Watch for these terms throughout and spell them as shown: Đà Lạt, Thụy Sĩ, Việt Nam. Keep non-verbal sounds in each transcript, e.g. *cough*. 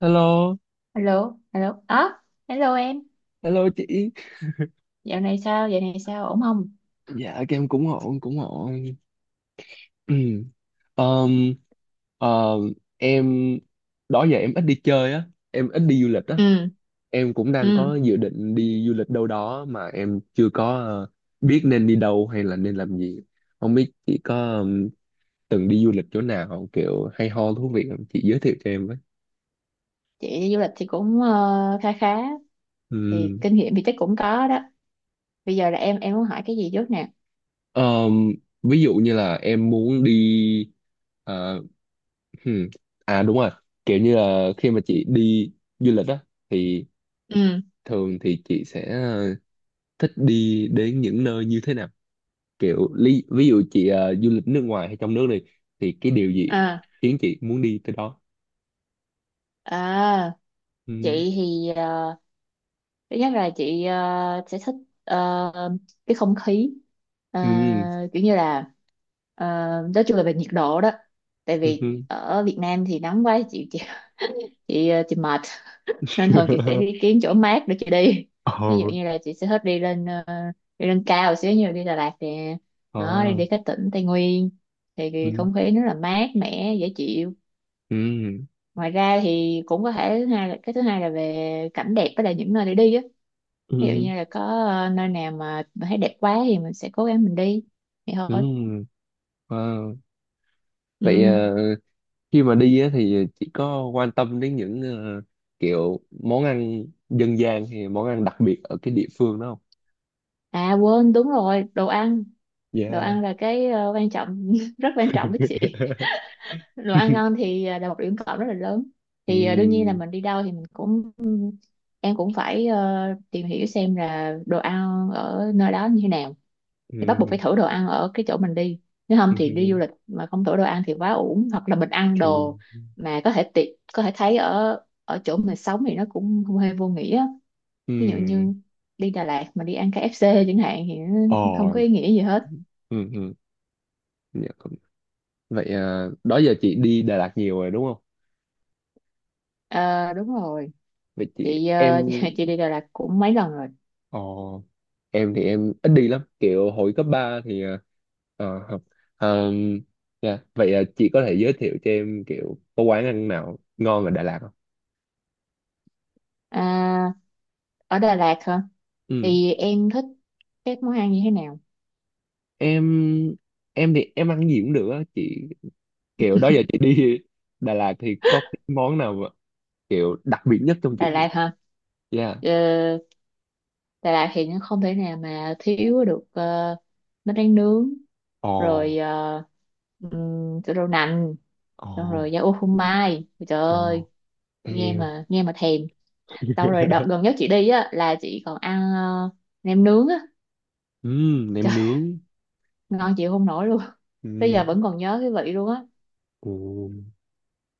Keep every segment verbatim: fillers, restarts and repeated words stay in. Hello, Hello, hello. À, hello em. hello chị. Dạo này sao? Dạo này sao? Ổn không? Dạ các em cũng ổn, cũng ổn. um, em đó giờ em ít đi chơi á, em ít đi du lịch á. ừ Em cũng đang ừ có dự định đi du lịch đâu đó mà em chưa có ờ, biết nên đi đâu hay là nên làm gì. Không biết chị có ừm, từng đi du lịch chỗ nào kiểu hay ho thú vị không? Chị giới thiệu cho em với. Chị đi du lịch thì cũng ờ, khá khá. Ừ. Thì kinh nghiệm thì chắc cũng có đó. Bây giờ là em em muốn hỏi cái gì trước nè? Ờm, ví dụ như là em muốn đi. Ờ, hmm, à đúng rồi, kiểu như là khi mà chị đi du lịch á thì ừ thường thì chị sẽ ờ, thích đi đến những nơi như thế nào, kiểu lý, ví dụ chị ờ, du lịch nước ngoài hay trong nước đi thì cái điều gì à khiến chị muốn đi tới đó. À, Ừ, chị thì ờ, thứ nhất là chị ờ, sẽ thích ờ, cái không khí. Ờ, ừ, Kiểu như là ờ, nói chung là về nhiệt độ đó. Tại vì ừ. ở Việt Nam thì nắng quá chị chị chị, ờ, chị mệt, nên thường chị sẽ đi *laughs* kiếm chỗ mát để chị đi. Ví dụ Ồ, như là chị sẽ thích đi lên ờ, đi lên cao một xíu, như đi Đà Lạt nè, ờ, đó đi đi các tỉnh Tây Nguyên, thì ừ, cái không khí nó là mát mẻ dễ chịu. ừ, Ngoài ra thì cũng có thể thứ hai là cái thứ hai là về cảnh đẹp với là những nơi để đi á. Ví dụ ừ, như là có ờ, nơi nào mà mình thấy đẹp quá thì mình sẽ cố gắng mình đi, vậy thôi. ừ. Wow. Vậy Ừ. ờ, khi mà đi á, thì chỉ có quan tâm đến những ờ, kiểu món ăn dân gian hay món ăn đặc biệt ở cái địa phương đó không? À quên đúng rồi, đồ ăn, đồ Yeah. ăn là cái ờ, quan trọng, *laughs* rất quan trọng với chị. *laughs* Đồ ăn ngon thì à, là một điểm cộng rất là lớn. Thì à, đương nhiên là Ừm, mình đi đâu thì mình cũng em cũng phải ờ, tìm hiểu xem là đồ ăn ở nơi đó như thế nào, thì bắt buộc ừm, phải thử đồ ăn ở cái chỗ mình đi. Nếu không thì đi du ừm, lịch mà không thử đồ ăn thì quá uổng, hoặc là mình ăn ừm, đồ mà có thể tiện có thể thấy ở ở chỗ mình sống thì nó cũng không hề vô nghĩa. Ví dụ ừm. như *laughs* đi Đà Lạt mà đi ăn ca ép ép chẳng hạn thì nó Ờ, không có ý nghĩa gì hết. ừm, ừm. Dạ, cũng- Vậy ờ, đó giờ chị đi Đà Lạt nhiều rồi đúng không? Ờ, đúng rồi. Vậy chị Chị, ờ, em *laughs* chị chị đi Đà Lạt cũng mấy lần rồi. Ồ, em thì em ít đi lắm, kiểu hồi cấp ba thì ờ, ờ, học. Ờ, dạ. Vậy ờ, chị có thể giới thiệu cho em kiểu có quán ăn nào ngon ở Đà Lạt không? À, ở Đà Lạt hả, Ừ. thì em thích các món ăn như thế nào? Em em thì em ăn gì cũng được á chị, kiểu đó giờ chị đi *laughs* Đà Lạt thì có cái món nào mà kiểu đặc biệt nhất trong chị? Đà Lạt hả, Dạ. ờ, Đà Lạt thì nó không thể nào mà thiếu được ờ, bánh tráng nướng, Ồ, rồi ờ, ừm, chỗ đậu nành, xong rồi ồ, da ô phô mai. Ôi trời ơi, ồ. nghe Em. mà nghe mà thèm. Xong rồi đợt *laughs* gần nhất chị đi á là chị còn ăn ờ, nem nướng á, Ừm, nem trời nướng. ngon chịu không nổi luôn, tới giờ Ừm, vẫn còn nhớ cái vị luôn á. ồ,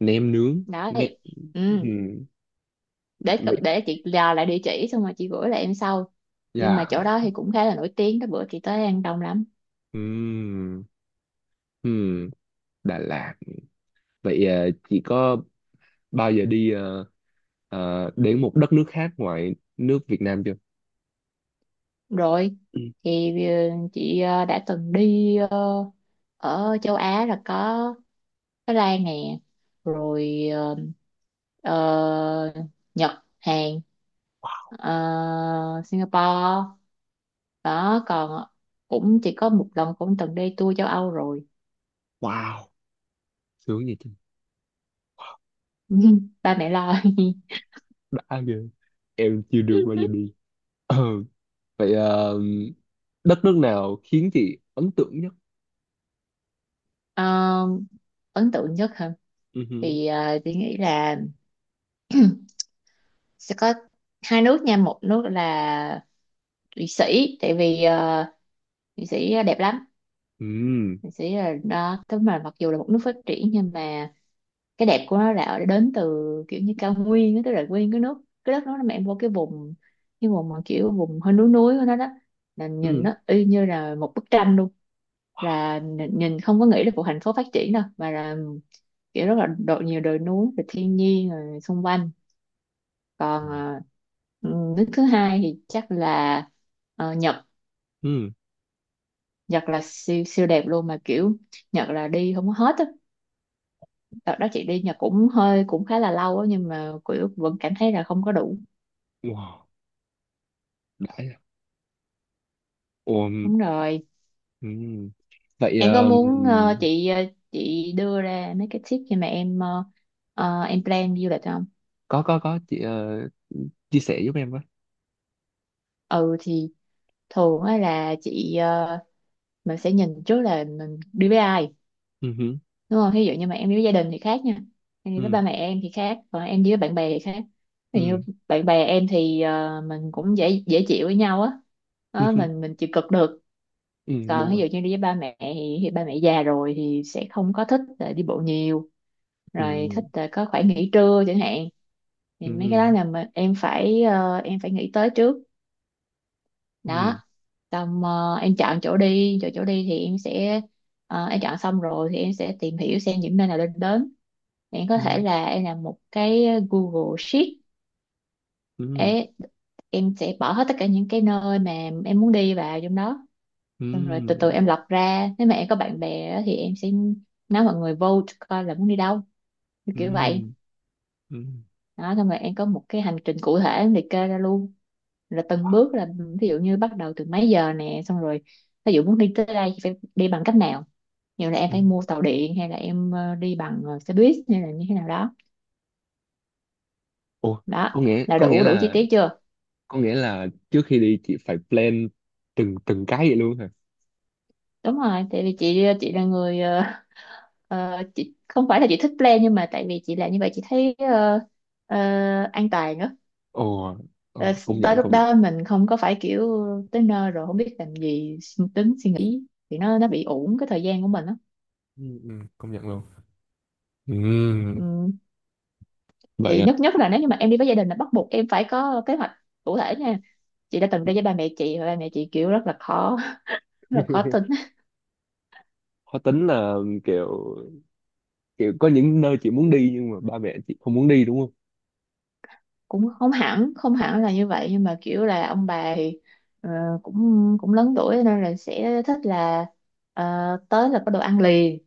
nem nướng. Đó Nem. thì ừ, Ừm, để cập Vậy. để chị dò lại địa chỉ xong rồi chị gửi lại em sau. Nhưng mà Dạ. chỗ đó thì cũng khá là nổi tiếng đó, bữa chị tới ăn đông lắm. Ừm, ừm, Đà Lạt. Vậy ờ, chị có bao giờ đi ờ, ờ, đến một đất nước khác ngoài nước Việt Nam chưa? *clears throat* Rồi Ừ. thì ờ, chị ờ, đã từng đi ờ, ở châu Á là có Thái Lan nè, rồi ờ, ờ, Nhật, Hàn, ờ, Singapore, đó còn cũng chỉ có một lần cũng từng đi tour châu Âu rồi. Wow, sướng vậy chứ. *laughs* Ba mẹ lo. Đã ghê. Em chưa được bao giờ *laughs* đi. *clears throat* Ờ, vậy ờ, đất nước nào khiến chị ấn tượng nhất? Ờ, ấn tượng nhất hả, Ừ, hử. thì ờ, chị nghĩ là *clears throat* sẽ có hai nước nha, một nước là Thụy Sĩ, tại vì ờ, Thụy Sĩ đẹp lắm. Ừm, Thụy Sĩ là đó tức mà mặc dù là một nước phát triển nhưng mà cái đẹp của nó là ở- đến từ kiểu như cao nguyên á, tức là nguyên cái nước, cái đất nó, mà em vô cái vùng, cái vùng mà kiểu vùng hơi núi núi của nó đó, là nhìn ừm, nó y như là một bức tranh luôn, là nhìn nhìn không có nghĩ là một thành phố phát triển đâu mà là kiểu rất là độ nhiều đồi núi rồi thiên nhiên rồi xung quanh. Còn ờ, ừ, nước thứ hai thì chắc là ờ, Nhật. ừm. Nhật là siêu siêu đẹp luôn mà kiểu Nhật là đi không có hết á, đợt đó chị đi Nhật cũng hơi cũng khá là lâu á nhưng mà kiểu vẫn cảm thấy là không có đủ. Wow, đã vậy. Ồ, Đúng rồi, ừm. Vậy em có ờ, muốn ờ, chị ờ, chị đưa ra mấy cái tip khi mà em ờ, ờ, em plan du lịch không? có có có chị ờ, chia sẻ giúp em với. Ừ thì thường á là chị ờ, mình sẽ nhìn trước là mình đi với ai, Ừ, hử. đúng không? Ví dụ như mà em đi với gia đình thì khác nha, em đi với Ừ. ba mẹ em thì khác, còn em đi với bạn bè thì khác. Ừ. Ví dụ như bạn bè em thì ờ, mình cũng dễ dễ chịu với nhau á. Đó, *laughs* mình mình chịu cực được. Ừ, đúng Còn ví rồi. dụ như đi với ba mẹ thì, thì ba mẹ già rồi thì sẽ không có thích là đi bộ nhiều, Ừ, rồi thích là có khoảng nghỉ trưa chẳng hạn, thì mấy cái đó ừ, là mà em phải ờ, em phải nghĩ tới trước. ừ, Đó, xong ờ, em chọn chỗ đi, chỗ chỗ đi thì em sẽ ờ, em chọn xong rồi thì em sẽ tìm hiểu xem những nơi nào nên đến. Bạn có ừ, thể là em làm một cái ờ, Google Sheet. ừ, Ê, em sẽ bỏ hết tất cả những cái nơi mà em muốn đi vào trong đó, xong rồi từ từ ừ, em lọc ra. Nếu mà em có bạn bè á, thì em sẽ nói mọi người vote coi là muốn đi đâu, như kiểu vậy. ừ, ừ, Đó, xong rồi em có một cái hành trình cụ thể em liệt kê ra luôn, là từng bước là ví dụ như bắt đầu từ mấy giờ nè, xong rồi ví dụ muốn đi tới đây thì phải đi bằng cách nào, nhiều là em ừ. phải mua tàu điện hay là em ờ, đi bằng ờ, xe buýt hay là như thế nào đó. Ủa, Đó có nghĩa là có nghĩa đủ, đủ chi là tiết chưa? có nghĩa là trước khi đi chị phải plan từng từng cái vậy luôn hả? Đúng rồi, tại vì chị chị là người ờ, ờ, chị không phải là chị thích plan, nhưng mà tại vì chị làm như vậy chị thấy ờ, ờ, an toàn á. Ồ, Ờ, ồ, công tới nhận lúc công nhận. đó mình không có phải kiểu tới nơi rồi không biết làm gì, suy tính suy nghĩ thì nó nó bị uổng cái thời gian của mình á. Ừ, ừ, công nhận luôn. Ừ, Ừm, vậy thì à. nhất nhất là nếu như mà em đi với gia đình là bắt buộc em phải có kế hoạch cụ thể nha. Chị đã từng đi với ba mẹ chị và ba mẹ chị kiểu rất là khó, *laughs* rất là khó tin. *laughs* Khó tính là kiểu kiểu có những nơi chị muốn đi nhưng mà ba mẹ chị không muốn đi đúng không? Cũng không hẳn Không hẳn là như vậy nhưng mà kiểu là ông bà thì ờ, cũng cũng lớn tuổi nên là sẽ thích là ờ, tới là có đồ ăn liền.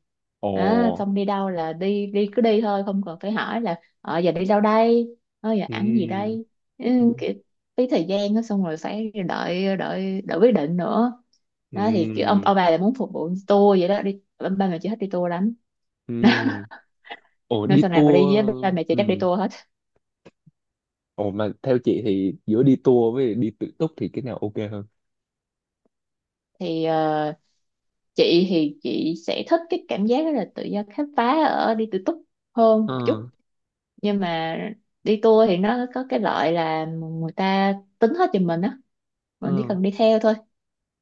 Đó, Ồ, xong đi đâu là đi, đi cứ đi thôi, không cần phải hỏi là ờ giờ đi đâu đây, ờ giờ ừ, ăn gì đây, ừ, ừ, kiểu phí thời gian đó, xong rồi phải đợi đợi đợi quyết định nữa. ừ. Đó thì kiểu ông ông bà là muốn phục vụ tour vậy đó, đi ba ba mẹ chị thích đi tour lắm. Ừ. *laughs* Ồ, Nên đi sau này mà tour. đi với ba mẹ chị chắc đi Ừ. tour hết. Ồ, mà theo chị thì giữa đi tour với đi tự túc thì cái nào ok hơn? Thì ờ, chị thì chị sẽ thích cái cảm giác đó là tự do khám phá ở đi tự túc hơn Ờ, một chút. Nhưng mà đi tour thì nó có cái lợi là người ta tính hết giùm mình á, mình chỉ ờ, cần đi theo thôi.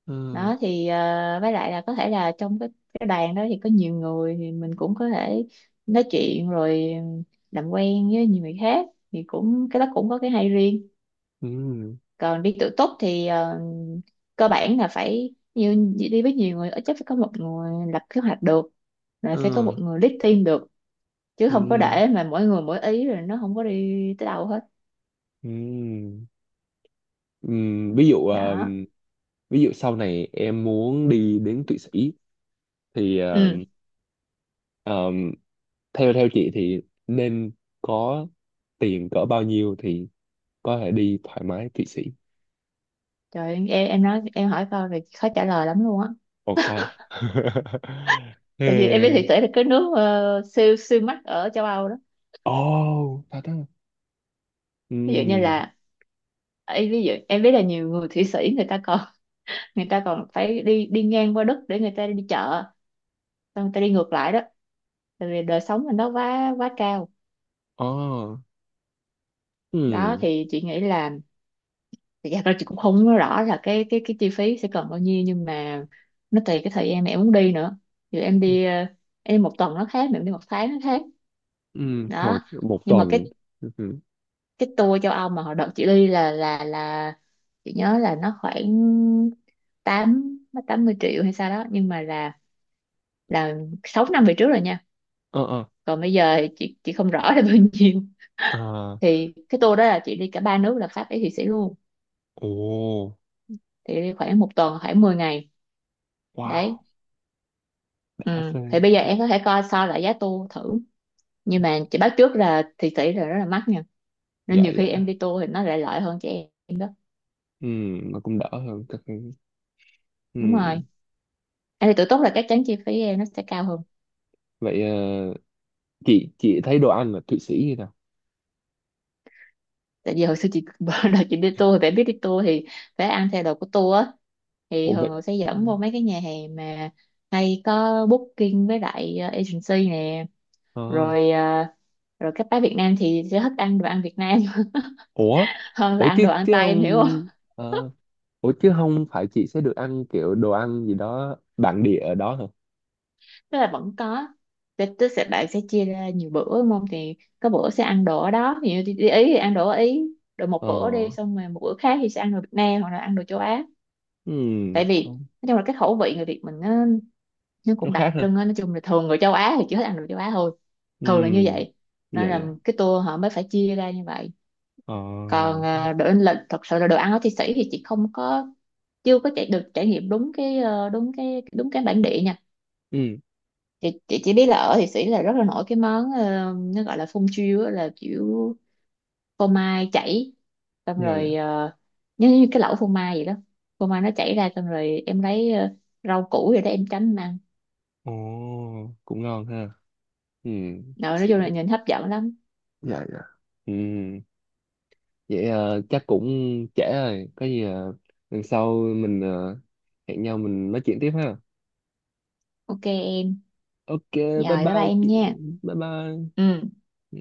ờ, Đó thì ờ, với lại là có thể là trong cái cái đoàn đó thì có nhiều người thì mình cũng có thể nói chuyện rồi làm quen với nhiều người khác, thì cũng cái đó cũng có cái hay riêng. ừ, Còn đi tự túc thì ờ, cơ bản là phải như đi với nhiều người, ít nhất phải có một người lập kế hoạch được, rồi ờ, phải có một người lead team được, chứ không có ừ, để mà mỗi người mỗi ý rồi nó không có đi tới đâu hết. ừ. Ừm. Ví dụ ờ, Đó. ví dụ sau này em muốn đi đến Thụy Sĩ thì ờ, Ừ ờ, theo theo chị thì nên có tiền cỡ bao nhiêu thì có thể đi thoải mái Thụy Sĩ. trời, em em nói em hỏi câu thì khó trả lời lắm luôn á. Ồ khoan. *laughs* Ừ. Tại vì em biết thị tế là cái nước ờ, siêu siêu mắc ở châu Âu đó. Ồ, thật á. Ví dụ như Ừ. là ấy, ví dụ em biết là nhiều người Thụy Sĩ người ta còn *laughs* người ta còn phải đi đi ngang qua Đức để người ta đi chợ, tao tao đi ngược lại đó, tại vì đời sống mình nó quá quá cao. Ồ. Đó Ừ. thì chị nghĩ là thì thật ra là chị cũng không nói rõ là cái cái cái chi phí sẽ cần bao nhiêu, nhưng mà nó tùy cái thời gian mà em muốn đi nữa. Dù em đi ờ, em đi một tuần nó khác, mà em đi một tháng nó khác. Ừ, hồi Đó, một nhưng mà tuần. cái Ừ, ừ. cái tour châu Âu mà hồi đợt chị đi là là là chị nhớ là nó khoảng tám, tám mươi triệu hay sao đó, nhưng mà là là sáu năm về trước rồi nha. Ờ, ờ. Còn bây giờ thì chị chị không rõ là bao nhiêu. À, Thì cái tour đó là chị đi cả ba nước là Pháp, Ý, Thụy Sĩ luôn, ồ, thì đi khoảng một tuần khoảng mười ngày. Đấy. wow, đã Ừ. phê. Thì bây giờ em có thể coi so lại giá tour thử, nhưng mà chị báo trước là Thụy Sĩ là rất là mắc nha, nên Dạ, nhiều dạ. khi em đi tour thì nó lại lợi hơn cho em đó. Ừ, mà cũng đỡ hơn. Các cái. Ừ. Đúng rồi, em thì tự túc là chắc chắn chi phí em nó sẽ cao hơn. Vậy ờ, chị chị thấy đồ ăn là Thụy Sĩ như nào? Tại vì hồi xưa chị *laughs* bữa đầu chị đi tour thì phải biết đi tour thì phải ăn theo đồ của tour á, thì Ủa thường vậy? họ sẽ Ừ. dẫn vô mấy cái nhà hàng mà hay có booking với lại ờ, agency nè, Ờ. rồi ờ, rồi các bác Việt Nam thì sẽ thích ăn đồ ăn Việt Nam *laughs* Ủa? hơn là Ủa, ăn chứ đồ ăn chứ Tây, em không. hiểu không? ờ, Ủa chứ không phải chị sẽ được ăn kiểu đồ ăn gì đó bản địa ở đó hả? Tức là vẫn có. Tức Tức sẽ bạn sẽ chia ra nhiều bữa đúng không, thì có bữa sẽ ăn đồ ở đó, ví dụ đi, đi Ý thì ăn đồ ở Ý, rồi một Ờ. bữa đi xong rồi một bữa khác thì sẽ ăn đồ Việt Nam hoặc là ăn đồ châu Á. Ừ. Tại vì nói chung là cái khẩu vị người Việt mình nó, nó Nó cũng khác đặc hả? trưng á. Nói chung là thường người châu Á thì chỉ thích ăn đồ châu Á thôi, thường là như Ừ. vậy, Dạ nên là dạ. cái tour họ mới phải chia ra như vậy. Ờ. Còn à, đồ in lệnh thật sự là đồ ăn ở Thụy Sĩ thì chị không có chưa có chạy được trải nghiệm đúng cái ờ, đúng cái đúng cái bản địa nha. Ừ. Chị, chị chỉ biết là ở Thụy Sĩ là rất là nổi cái món ờ, nó gọi là phun chiêu á, là kiểu phô mai chảy, xong Dạ rồi dạ. ờ, nhớ như cái lẩu phô mai vậy đó, phô mai nó chảy ra xong rồi em lấy ờ, rau củ rồi đó em chấm em ăn. Ồ, cũng ngon ha. Ừ, Rồi nói chung là xịn. nhìn hấp dẫn lắm. Dạ dạ. Ừ, vậy ờ, chắc cũng trễ rồi. Có gì ờ, lần sau mình ờ, hẹn nhau mình nói chuyện tiếp ha. Ok em, OK, bye rồi bye bye bye em chị. nha. Bye bye. Ừ. Ừ.